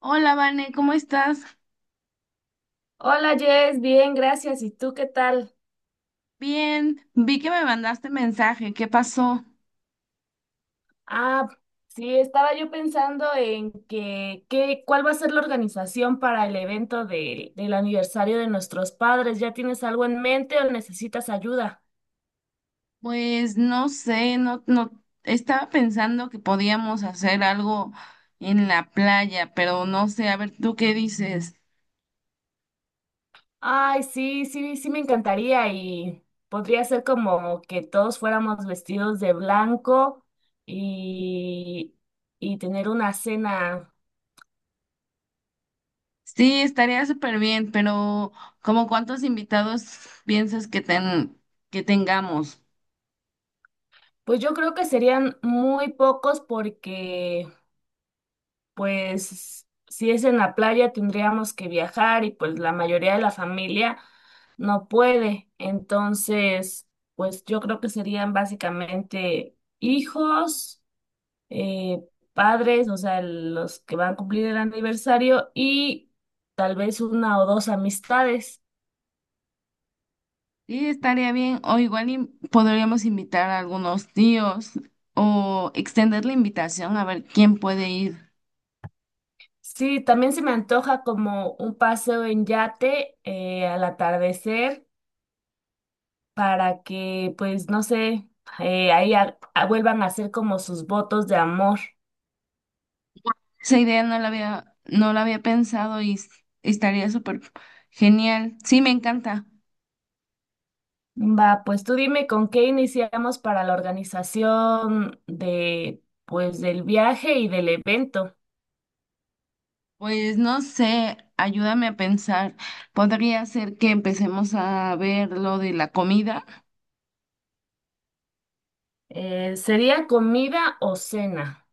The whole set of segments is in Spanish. Hola, Vane, ¿cómo estás? Hola Jess, bien, gracias. ¿Y tú qué tal? Bien, vi que me mandaste mensaje, ¿qué pasó? Ah, sí, estaba yo pensando en cuál va a ser la organización para el evento del aniversario de nuestros padres. ¿Ya tienes algo en mente o necesitas ayuda? Pues no sé, no, no, estaba pensando que podíamos hacer algo en la playa, pero no sé, a ver, ¿tú qué dices? Ay, sí, sí, sí me encantaría y podría ser como que todos fuéramos vestidos de blanco y, y tener una cena. Sí, estaría súper bien, pero ¿como cuántos invitados piensas que que tengamos? Pues yo creo que serían muy pocos porque pues si es en la playa tendríamos que viajar y pues la mayoría de la familia no puede. Entonces, pues yo creo que serían básicamente hijos, eh, padres, o sea, los que van a cumplir el aniversario y tal vez una o dos amistades. Sí, estaría bien, o igual y podríamos invitar a algunos tíos o extender la invitación a ver quién puede ir. Sí, también se me antoja como un paseo en yate al atardecer para que, pues, no sé, ahí vuelvan a hacer como sus votos de amor. Esa idea no la había pensado estaría súper genial. Sí, me encanta. Va, pues tú dime con qué iniciamos para la organización de, pues, del viaje y del evento. Pues no sé, ayúdame a pensar. ¿Podría ser que empecemos a ver lo de la comida? ¿Sería comida o cena?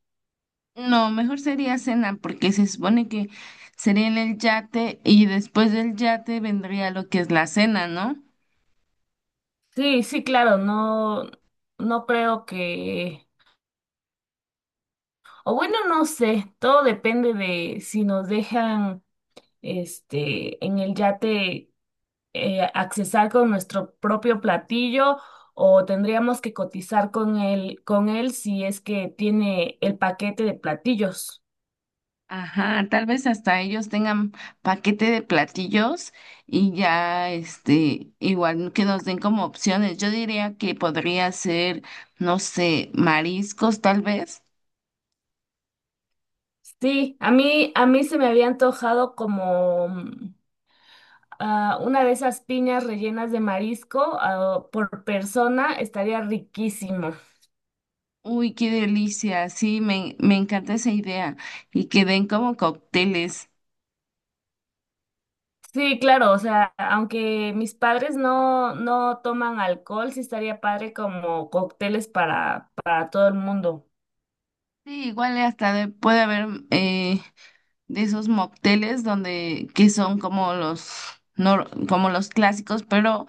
No, mejor sería cena, porque se supone que sería en el yate y después del yate vendría lo que es la cena, ¿no? Sí, sí, claro, no, no creo que, o bueno, no sé, todo depende de si nos dejan, este, en el yate. Accesar con nuestro propio platillo o tendríamos que cotizar con él si es que tiene el paquete de platillos. Ajá, tal vez hasta ellos tengan paquete de platillos y ya, este, igual que nos den como opciones. Yo diría que podría ser, no sé, mariscos tal vez. Sí, a mí se me había antojado como una de esas piñas rellenas de marisco por persona. Estaría riquísimo. Uy, qué delicia, sí, me encanta esa idea. Y que den como cócteles. Sí, claro, o sea, aunque mis padres no, no toman alcohol, sí estaría padre como cócteles para todo el mundo. Sí, igual hasta puede haber, de esos mocteles donde que son como los como los clásicos, pero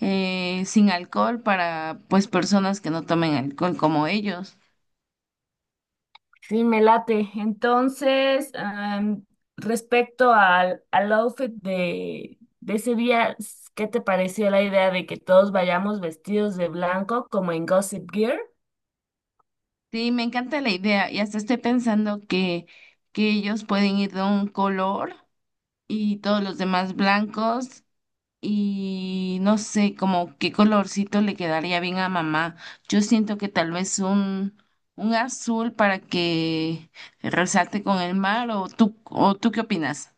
sin alcohol para pues personas que no tomen alcohol como ellos. Sí, me late. Entonces, respecto al outfit de ese día, ¿qué te pareció la idea de que todos vayamos vestidos de blanco como en Gossip Gear? Sí, me encanta la idea y hasta estoy pensando que ellos pueden ir de un color y todos los demás blancos. Y no sé, como qué colorcito le quedaría bien a mamá. Yo siento que tal vez un azul para que resalte con el mar, o tú qué opinas.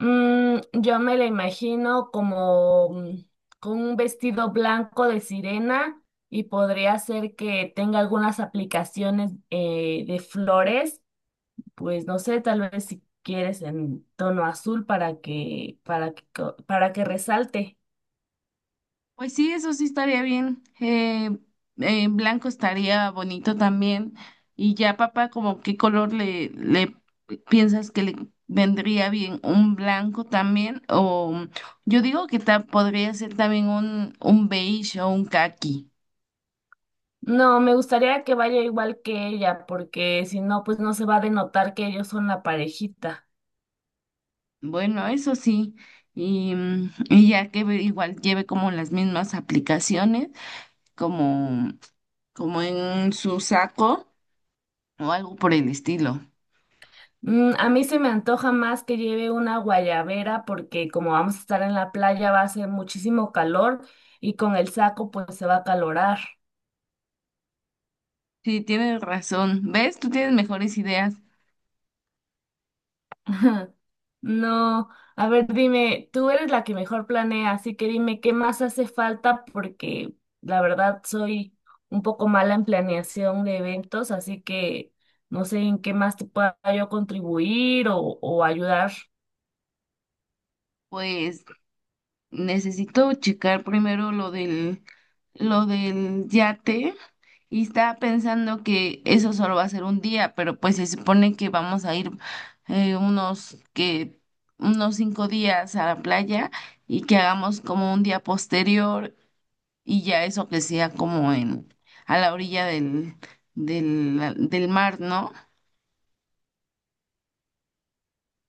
Yo me la imagino como con un vestido blanco de sirena y podría ser que tenga algunas aplicaciones de flores, pues no sé, tal vez si quieres en tono azul para que resalte. Pues sí, eso sí estaría bien. Blanco estaría bonito también. Y ya, papá, como qué color le piensas que le vendría bien, un blanco también, o yo digo que podría ser también un beige o un caqui. No, me gustaría que vaya igual que ella, porque si no, pues no se va a denotar que ellos son la parejita. Bueno, eso sí, y, y ya que igual lleve como las mismas aplicaciones, como, como en su saco o algo por el estilo. Mm, a mí se me antoja más que lleve una guayabera, porque como vamos a estar en la playa va a hacer muchísimo calor y con el saco pues se va a calorar. Sí, tienes razón. ¿Ves? Tú tienes mejores ideas. Ajá. No, a ver, dime, tú eres la que mejor planea, así que dime qué más hace falta porque la verdad soy un poco mala en planeación de eventos, así que no sé en qué más te pueda yo contribuir o ayudar. Pues necesito checar primero lo del yate. Y estaba pensando que eso solo va a ser un día, pero pues se supone que vamos a ir eh, unos que unos 5 días a la playa y que hagamos como un día posterior y ya eso que sea como en a la orilla del mar, ¿no?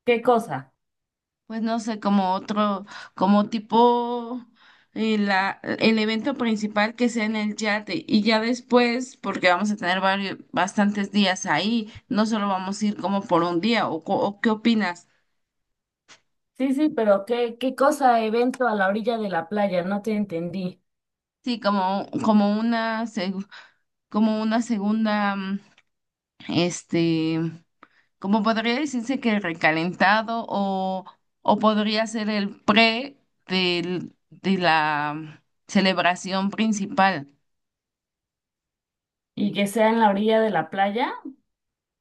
¿Qué cosa? Pues no sé, como otro, como tipo el evento principal que sea en el yate y ya después, porque vamos a tener bastantes días ahí, no solo vamos a ir como por un día, o, o ¿qué opinas? Sí, sí, pero ¿qué, qué cosa evento a la orilla de la playa? No te entendí. Sí, como una, como una segunda, este, como podría decirse que recalentado o podría ser el pre de la celebración principal. ¿Y que sea en la orilla de la playa?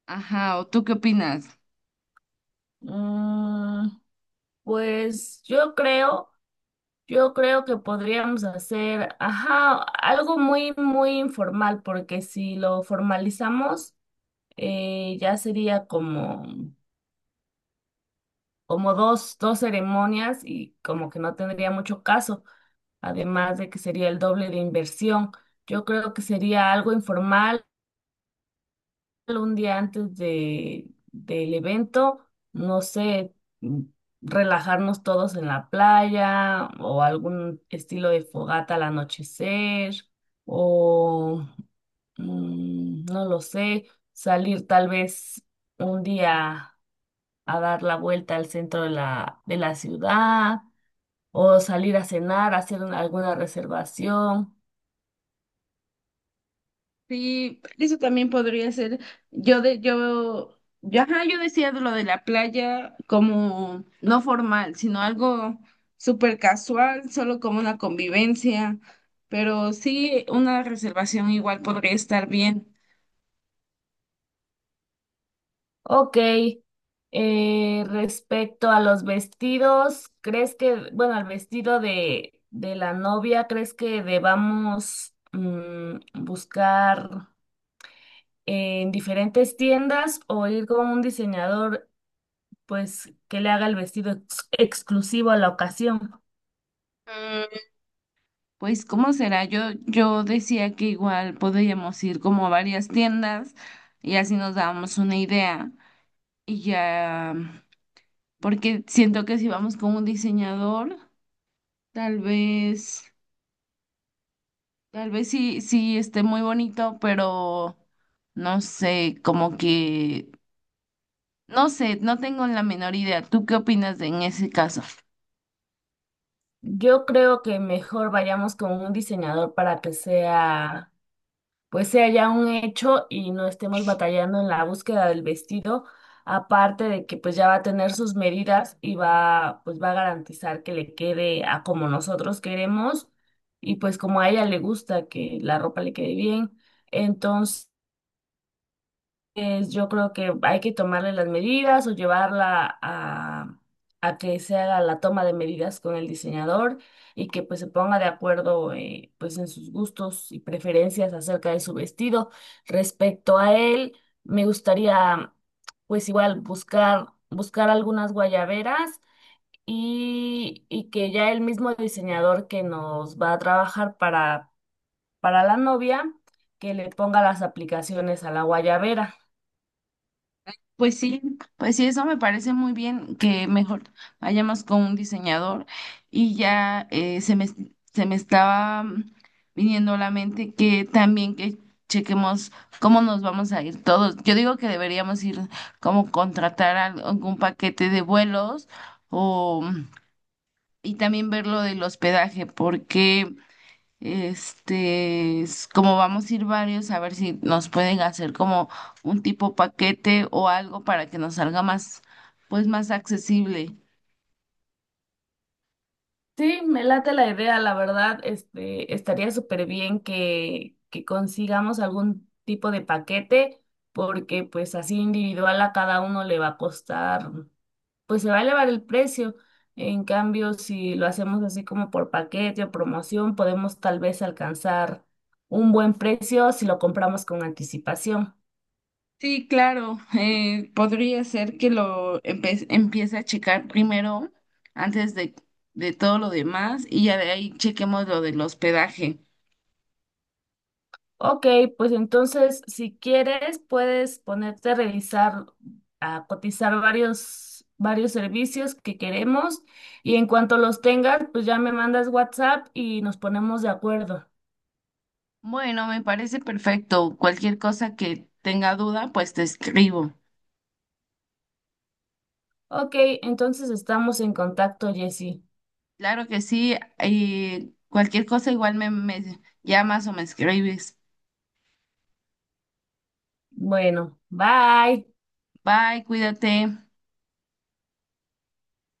Ajá, ¿o tú qué opinas? Mm, pues yo creo. Yo creo que podríamos hacer, ajá, algo muy, muy informal, porque si lo formalizamos, ya sería como dos ceremonias y como que no tendría mucho caso, además de que sería el doble de inversión. Yo creo que sería algo informal, un día antes del evento, no sé, mm, relajarnos todos en la playa o algún estilo de fogata al anochecer o no lo sé, salir tal vez un día a dar la vuelta al centro de la ciudad o salir a cenar, alguna reservación. Sí, eso también podría ser. Yo, ajá, yo decía de lo de la playa como no formal, sino algo súper casual, solo como una convivencia. Pero sí, una reservación igual podría estar bien. Ok, respecto a los vestidos, ¿crees que, bueno, al vestido de la novia, ¿crees que debamos buscar en diferentes tiendas o ir con un diseñador, pues, que le haga el vestido exclusivo a la ocasión? Mm, pues, ¿cómo será? Yo decía que igual podríamos ir como a varias tiendas y así nos dábamos una idea. Y ya, porque siento que si vamos con un diseñador. Tal vez, tal vez sí esté muy bonito, pero no sé, no sé, no tengo la menor idea. ¿Tú qué opinas en ese caso? Yo creo que mejor vayamos con un diseñador para que sea ya un hecho y no estemos batallando en la búsqueda del vestido, aparte de que pues ya va a tener sus medidas y va a garantizar que le quede a como nosotros queremos y pues como a ella le gusta que la ropa le quede bien. Entonces, pues yo creo que hay que tomarle las medidas o llevarla a que se haga la toma de medidas con el diseñador y que pues se ponga de acuerdo pues en sus gustos y preferencias acerca de su vestido. Respecto a él, me gustaría pues igual buscar algunas guayaberas y que ya el mismo diseñador que nos va a trabajar para la novia, que le ponga las aplicaciones a la guayabera. Pues sí, pues sí, eso me parece muy bien que mejor vayamos con un diseñador y ya se me estaba viniendo a la mente que también que chequemos cómo nos vamos a ir todos. Yo digo que deberíamos ir como contratar algún paquete de vuelos o y también ver lo del hospedaje porque este, es como vamos a ir varios, a ver si nos pueden hacer como un tipo paquete o algo para que nos salga más, pues más accesible. Sí, me late la idea, la verdad, este, estaría súper bien que consigamos algún tipo de paquete, porque pues así individual a cada uno le va a costar, pues se va a elevar el precio. En cambio, si lo hacemos así como por paquete o promoción, podemos tal vez alcanzar un buen precio si lo compramos con anticipación. Sí, claro, podría ser que lo empiece a checar primero antes de todo lo demás y ya de ahí chequemos lo del hospedaje. Ok, pues entonces, si quieres, puedes ponerte a revisar, a cotizar varios servicios que queremos y en cuanto los tengas, pues ya me mandas WhatsApp y nos ponemos de acuerdo. Bueno, me parece perfecto. Cualquier cosa que tenga duda, pues te escribo. Ok, entonces estamos en contacto, Jessy. Claro que sí, y cualquier cosa igual me llamas o me escribes. Bueno, bye. Bye, cuídate.